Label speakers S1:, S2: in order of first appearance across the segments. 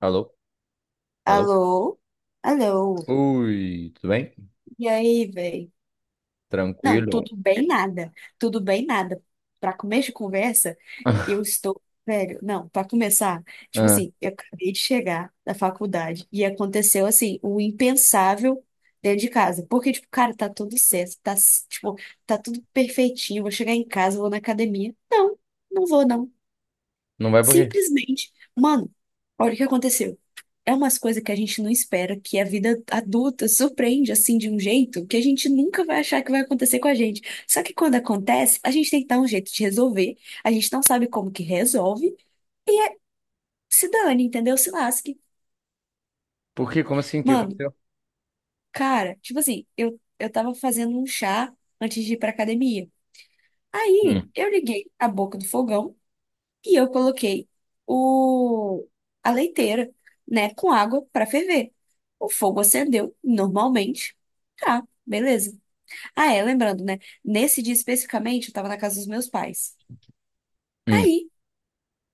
S1: Alô? Alô?
S2: Alô? Alô?
S1: Ui, tudo bem?
S2: E aí, velho? Não,
S1: Tranquilo?
S2: tudo bem nada. Tudo bem nada. Pra começo de conversa, eu estou, velho, não, pra começar, tipo
S1: Ah,
S2: assim, eu acabei de chegar da faculdade e aconteceu assim, o impensável dentro de casa. Porque tipo, cara, tá tudo certo, tá tipo, tá tudo perfeitinho, vou chegar em casa, vou na academia. Não, não vou não.
S1: não vai por quê?
S2: Simplesmente, mano, olha o que aconteceu. É umas coisas que a gente não espera, que a vida adulta surpreende assim de um jeito que a gente nunca vai achar que vai acontecer com a gente. Só que quando acontece, a gente tem que dar um jeito de resolver, a gente não sabe como que resolve, se dane, entendeu? Se lasque.
S1: Por quê? Como assim? O que
S2: Mano,
S1: aconteceu?
S2: cara, tipo assim, eu tava fazendo um chá antes de ir pra academia. Aí
S1: Hum,
S2: eu liguei a boca do fogão e eu coloquei o, a leiteira, né, com água pra ferver. O fogo acendeu normalmente. Tá, beleza. Ah, é, lembrando, né? Nesse dia especificamente, eu tava na casa dos meus pais.
S1: hum,
S2: Aí,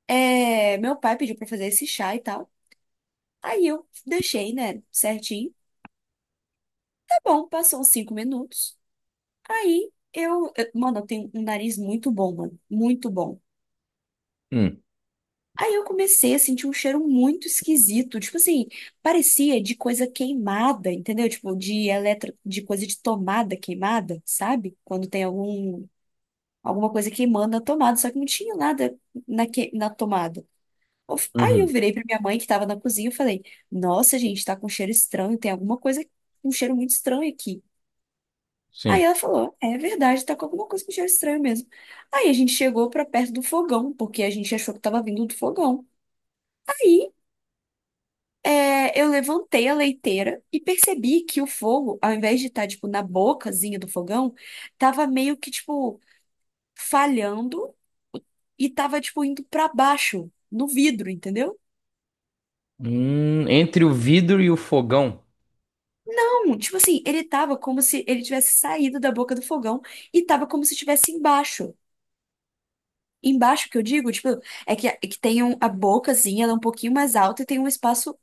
S2: é, meu pai pediu pra fazer esse chá e tal. Aí eu deixei, né, certinho. Tá bom, passou uns cinco minutos. Mano, eu tenho um nariz muito bom, mano, muito bom.
S1: hum,
S2: Aí eu comecei a sentir um cheiro muito esquisito, tipo assim, parecia de coisa queimada, entendeu? Tipo, de eletro, de coisa de tomada queimada, sabe? Quando tem algum, alguma coisa queimando na tomada, só que não tinha nada na, que, na tomada. Aí eu
S1: uhum,
S2: virei pra minha mãe que tava na cozinha e falei: Nossa, gente, tá com cheiro estranho, tem alguma coisa um cheiro muito estranho aqui. Aí
S1: sim.
S2: ela falou: É verdade, tá com alguma coisa com cheiro estranho mesmo. Aí a gente chegou pra perto do fogão, porque a gente achou que tava vindo do fogão. Aí é, eu levantei a leiteira e percebi que o fogo, ao invés de estar, tipo, na bocazinha do fogão, tava meio que, tipo, falhando e tava, tipo, indo pra baixo, no vidro, entendeu?
S1: Entre o vidro e o fogão.
S2: Tipo assim, ele tava como se ele tivesse saído da boca do fogão e tava como se estivesse embaixo. Embaixo que eu digo, tipo, é que tem um- a bocazinha, ela é um pouquinho mais alta e tem um espaço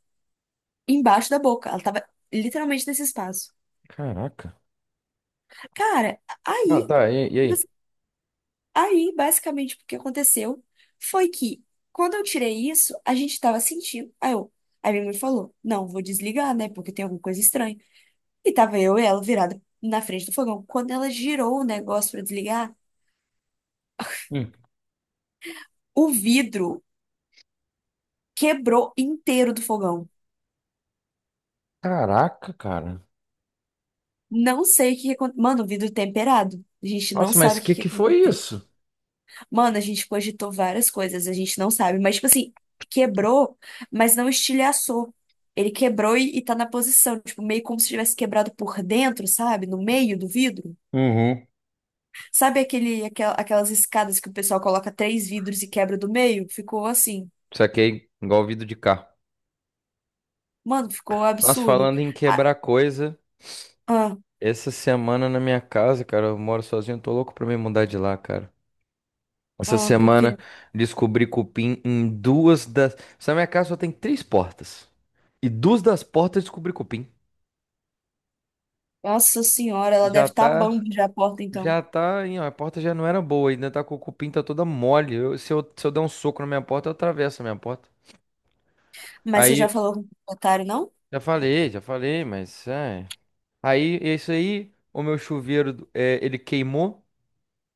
S2: embaixo da boca. Ela tava literalmente nesse espaço.
S1: Caraca.
S2: Cara,
S1: Ah,
S2: aí,
S1: tá. E
S2: tipo
S1: aí?
S2: assim, aí basicamente o que aconteceu foi que quando eu tirei isso, a gente tava sentindo. Aí eu, aí minha mãe falou: Não, vou desligar, né? Porque tem alguma coisa estranha. E tava eu e ela virada na frente do fogão. Quando ela girou o negócio pra desligar.
S1: Hum.
S2: O vidro quebrou inteiro do fogão.
S1: Caraca, cara.
S2: Não sei o que aconteceu. Mano, o vidro é temperado. A gente não
S1: Nossa, mas
S2: sabe
S1: o
S2: o que
S1: que
S2: que
S1: que foi
S2: aconteceu.
S1: isso?
S2: Mano, a gente cogitou várias coisas, a gente não sabe. Mas, tipo assim, quebrou, mas não estilhaçou. Ele quebrou e tá na posição, tipo, meio como se tivesse quebrado por dentro, sabe? No meio do vidro.
S1: Uhum.
S2: Sabe aquelas escadas que o pessoal coloca três vidros e quebra do meio? Ficou assim.
S1: Saquei, igual vidro de carro.
S2: Mano, ficou um
S1: Nós
S2: absurdo.
S1: falando em
S2: Ah,
S1: quebrar coisa,
S2: ah,
S1: essa semana na minha casa, cara, eu moro sozinho, tô louco pra me mudar de lá, cara. Essa
S2: por quê?
S1: semana descobri cupim em duas das. Essa minha casa só tem três portas. E duas das portas descobri cupim.
S2: Nossa senhora,
S1: E
S2: ela
S1: já
S2: deve estar tá
S1: tá.
S2: bambi já a porta, então.
S1: Já tá, hein, ó, a porta já não era boa, ainda tá com o cupim, tá toda mole. Se eu der um soco na minha porta, eu atravesso a minha porta.
S2: Mas você já
S1: Aí,
S2: falou com o proprietário, não?
S1: já falei, mas. É. Aí, é isso aí, o meu chuveiro, é, ele queimou.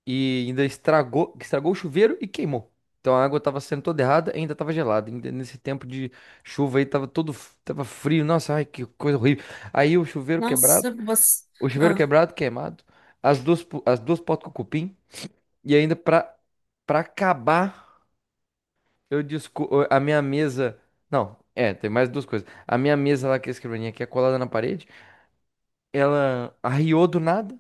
S1: E ainda estragou, o chuveiro e queimou. Então a água estava sendo toda errada, e ainda estava gelada. Ainda nesse tempo de chuva aí estava tava frio. Nossa, ai que coisa horrível. Aí o chuveiro quebrado,
S2: Nossa, você. Ah.
S1: queimado, as duas potes com cupim e ainda pra para acabar, eu desco a minha mesa, não, é, tem mais duas coisas. A minha mesa lá que é a escrivaninha que é colada na parede, ela arriou do nada.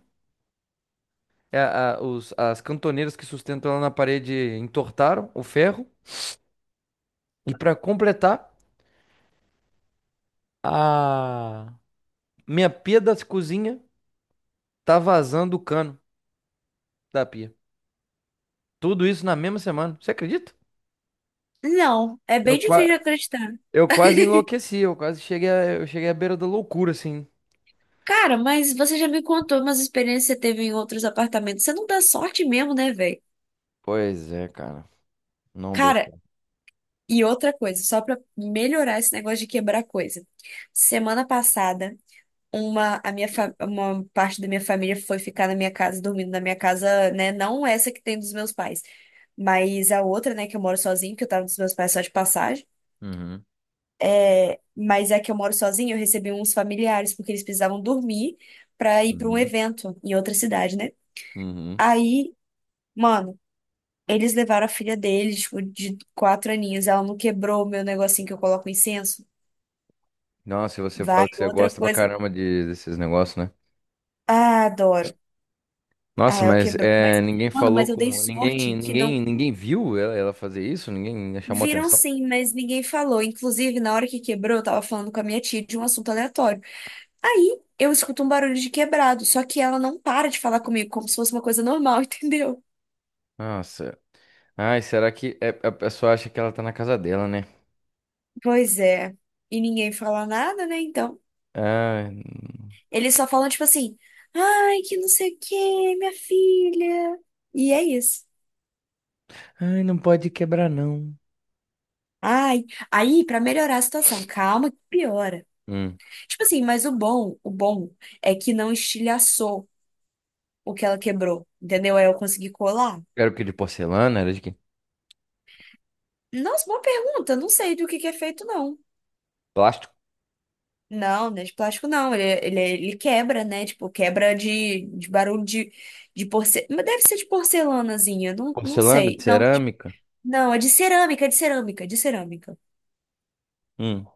S1: É, as cantoneiras que sustentam ela na parede entortaram o ferro. E para completar, a minha pia da cozinha tá vazando o cano da pia. Tudo isso na mesma semana. Você acredita?
S2: Não, é
S1: Eu,
S2: bem difícil
S1: qua-
S2: de acreditar.
S1: eu quase enlouqueci, eu quase cheguei a... eu cheguei à beira da loucura, assim.
S2: Cara, mas você já me contou umas experiências que você teve em outros apartamentos. Você não dá sorte mesmo, né, velho?
S1: Pois é, cara. Não dou
S2: Cara,
S1: certo.
S2: e outra coisa, só pra melhorar esse negócio de quebrar coisa. Semana passada, uma parte da minha família foi ficar na minha casa, dormindo na minha casa, né? Não essa que tem dos meus pais. Mas a outra, né, que eu moro sozinho, que eu tava dos meus pais só de passagem,
S1: Uhum.
S2: mas a que eu moro sozinho, eu recebi uns familiares, porque eles precisavam dormir pra ir pra um
S1: Uhum.
S2: evento em outra cidade, né?
S1: Uhum.
S2: Aí, mano, eles levaram a filha deles, tipo, de quatro aninhos, ela não quebrou o meu negocinho que eu coloco incenso.
S1: Nossa, e você
S2: Vai,
S1: fala que você
S2: outra
S1: gosta pra
S2: coisa.
S1: caramba desses negócios, né?
S2: Ah, adoro. Ah,
S1: Nossa,
S2: ela
S1: mas
S2: quebrou,
S1: é,
S2: mas,
S1: ninguém
S2: mano,
S1: falou
S2: mas eu dei
S1: com.
S2: sorte que não.
S1: Ninguém viu ela fazer isso? Ninguém chamou
S2: Viram
S1: atenção?
S2: sim, mas ninguém falou. Inclusive, na hora que quebrou, eu tava falando com a minha tia de um assunto aleatório. Aí eu escuto um barulho de quebrado, só que ela não para de falar comigo, como se fosse uma coisa normal, entendeu?
S1: Nossa, ai, será que é- a pessoa acha que ela tá na casa dela, né?
S2: Pois é. E ninguém fala nada, né? Então,
S1: Ai.
S2: eles só falam tipo assim: ai, que não sei o quê, minha filha. E é isso.
S1: Ai, não pode quebrar, não.
S2: Ai, aí, pra melhorar a situação, calma que piora.
S1: Hum.
S2: Tipo assim, mas o bom é que não estilhaçou o que ela quebrou, entendeu? Aí eu consegui colar.
S1: Era o que de porcelana? Era de quê?
S2: Nossa, boa pergunta, não sei do que é feito, não.
S1: Plástico?
S2: Não, não é de plástico não, ele quebra, né? Tipo, quebra de barulho de porcelana. Mas deve ser de porcelanazinha, não, não
S1: Porcelana? De
S2: sei. Não, de-
S1: cerâmica?
S2: não, é de cerâmica, é de cerâmica, é de cerâmica.
S1: Hum.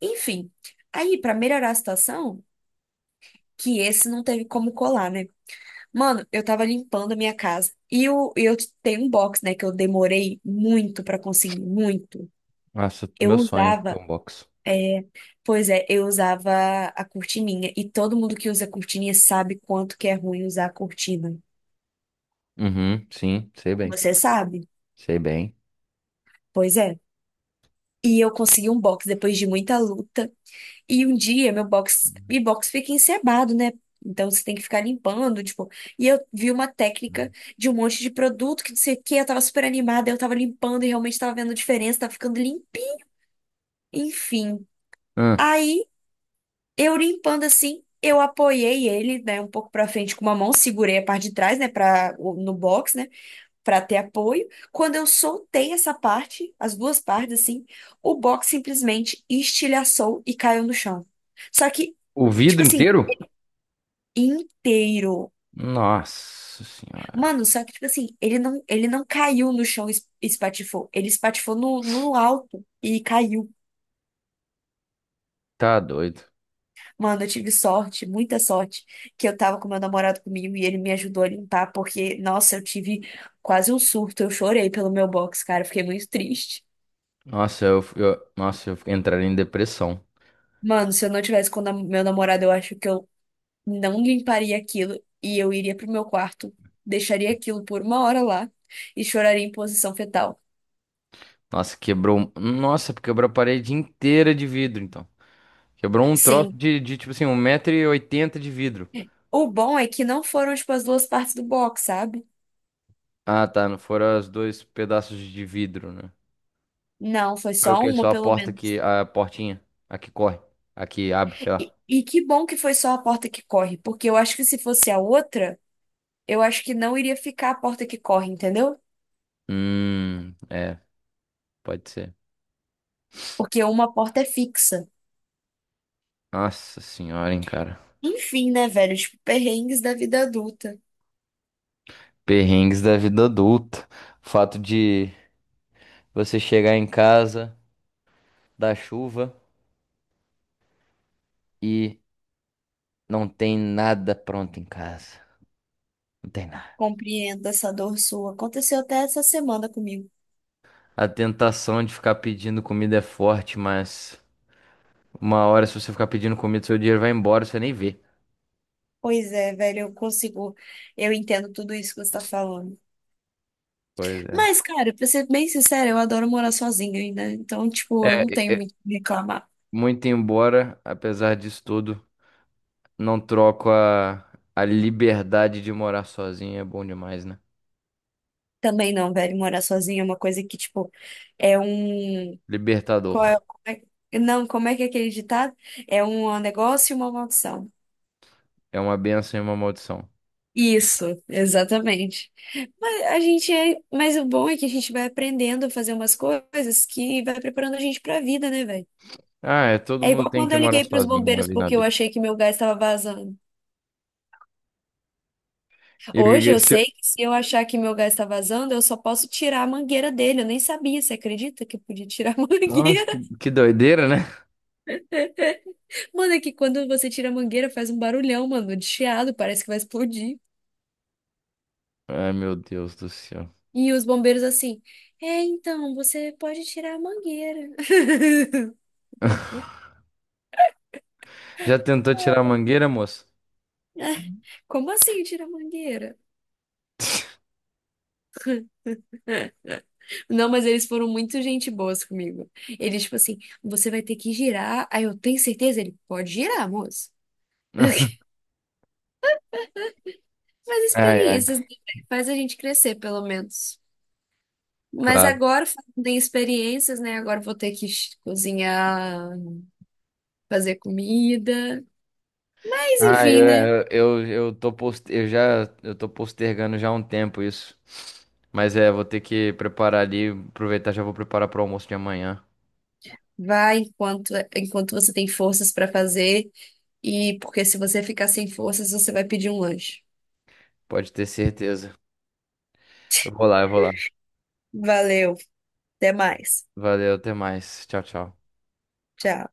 S2: Enfim, aí pra melhorar a situação, que esse não teve como colar, né? Mano, eu tava limpando a minha casa e eu tenho um box, né, que eu demorei muito pra conseguir, muito.
S1: Nossa,
S2: Eu
S1: meu sonho ter
S2: usava,
S1: um box.
S2: pois é, eu usava a cortininha e todo mundo que usa cortininha sabe quanto que é ruim usar a cortina.
S1: Uhum, sim, sei bem.
S2: Você sabe?
S1: Sei bem.
S2: Pois é. E eu consegui um box depois de muita luta. E um dia meu box,
S1: Hum.
S2: e box fica encebado, né? Então você tem que ficar limpando, tipo. E eu vi uma técnica de um monte de produto que não sei o quê, eu tava super animada, eu tava limpando e realmente tava vendo diferença, tava ficando limpinho. Enfim.
S1: Hum.
S2: Aí eu limpando assim, eu apoiei ele, né, um pouco pra frente com uma mão, segurei a parte de trás, né, para no box, né? Para ter apoio. Quando eu soltei essa parte, as duas partes assim, o box simplesmente estilhaçou e caiu no chão. Só que,
S1: O vidro
S2: tipo assim,
S1: inteiro?
S2: inteiro.
S1: Nossa senhora.
S2: Mano, só que tipo assim, ele não caiu no chão e espatifou, ele espatifou no, no alto e caiu.
S1: Tá doido.
S2: Mano, eu tive sorte, muita sorte, que eu tava com meu namorado comigo e ele me ajudou a limpar, porque, nossa, eu tive quase um surto, eu chorei pelo meu box, cara, eu fiquei muito triste.
S1: Nossa, nossa, eu entraria em depressão.
S2: Mano, se eu não tivesse com o meu namorado, eu acho que eu não limparia aquilo e eu iria pro meu quarto, deixaria aquilo por uma hora lá e choraria em posição fetal.
S1: Nossa, quebrou. Nossa, quebrou a parede inteira de vidro, então. Quebrou um troço
S2: Sim,
S1: de tipo assim, 1,80 m de vidro.
S2: o bom é que não foram, tipo, as duas partes do box, sabe?
S1: Ah, tá. Não foram os dois pedaços de vidro, né?
S2: Não, foi
S1: Foi o
S2: só
S1: quê?
S2: uma,
S1: Só a
S2: pelo
S1: porta
S2: menos.
S1: que. A portinha. A que corre. A que abre, sei
S2: E,
S1: lá.
S2: e que bom que foi só a porta que corre, porque eu acho que se fosse a outra, eu acho que não iria ficar a porta que corre, entendeu?
S1: É, pode ser.
S2: Porque uma porta é fixa.
S1: Nossa senhora, hein, cara.
S2: Enfim, né, velho? Tipo, perrengues da vida adulta.
S1: Perrengues da vida adulta. O fato de você chegar em casa da chuva e não tem nada pronto em casa. Não tem nada.
S2: Compreendo essa dor sua. Aconteceu até essa semana comigo.
S1: A tentação de ficar pedindo comida é forte, mas. Uma hora, se você ficar pedindo comida, seu dinheiro vai embora, você nem vê.
S2: Pois é, velho, eu consigo, eu entendo tudo isso que você tá falando.
S1: Pois é.
S2: Mas, cara, pra ser bem sincera, eu adoro morar sozinha ainda. Então,
S1: É,
S2: tipo, eu não tenho
S1: é, é,
S2: muito o que reclamar.
S1: muito embora, apesar disso tudo, não troco a liberdade de morar sozinho, é bom demais, né?
S2: Também não, velho, morar sozinha é uma coisa que, tipo, é um. Qual é...
S1: Libertador.
S2: Não, como é que é aquele ditado? É um negócio e uma maldição.
S1: É uma benção e uma maldição.
S2: Isso, exatamente. Mas a gente é, mas o bom é que a gente vai aprendendo a fazer umas coisas que vai preparando a gente pra vida, né, velho?
S1: Ah, é, todo
S2: É
S1: mundo
S2: igual
S1: tem
S2: quando
S1: que
S2: eu
S1: morar
S2: liguei pros
S1: sozinho uma
S2: bombeiros
S1: vez na
S2: porque eu
S1: vida.
S2: achei que meu gás estava vazando.
S1: E o que que
S2: Hoje
S1: é
S2: eu
S1: esse...
S2: sei que se eu achar que meu gás está vazando, eu só posso tirar a mangueira dele. Eu nem sabia, você acredita que eu podia tirar a
S1: Nossa,
S2: mangueira?
S1: que doideira, né?
S2: Mano, é que quando você tira a mangueira faz um barulhão, mano, de chiado, parece que vai explodir.
S1: Ai, meu Deus do céu.
S2: E os bombeiros assim, é, então, você pode tirar a mangueira.
S1: Já tentou tirar a mangueira, moço?
S2: Como assim tirar a mangueira? Não, mas eles foram muito gente boas comigo. Eles, tipo assim, você vai ter que girar. Aí eu tenho certeza, ele pode girar, moço. Mas
S1: Ai, ai,
S2: experiências né, faz a gente crescer, pelo menos. Mas
S1: claro.
S2: agora, falando em experiências, né? Agora eu vou ter que cozinhar, fazer comida. Mas enfim, né?
S1: Eu tô post... eu tô postergando já há um tempo isso. Mas é, vou ter que preparar ali, aproveitar, já vou preparar pro almoço de amanhã.
S2: Vai enquanto, enquanto você tem forças para fazer. E porque se você ficar sem forças, você vai pedir um lanche.
S1: Pode ter certeza. Eu vou lá.
S2: Valeu, até mais.
S1: Valeu, até mais. Tchau, tchau.
S2: Tchau.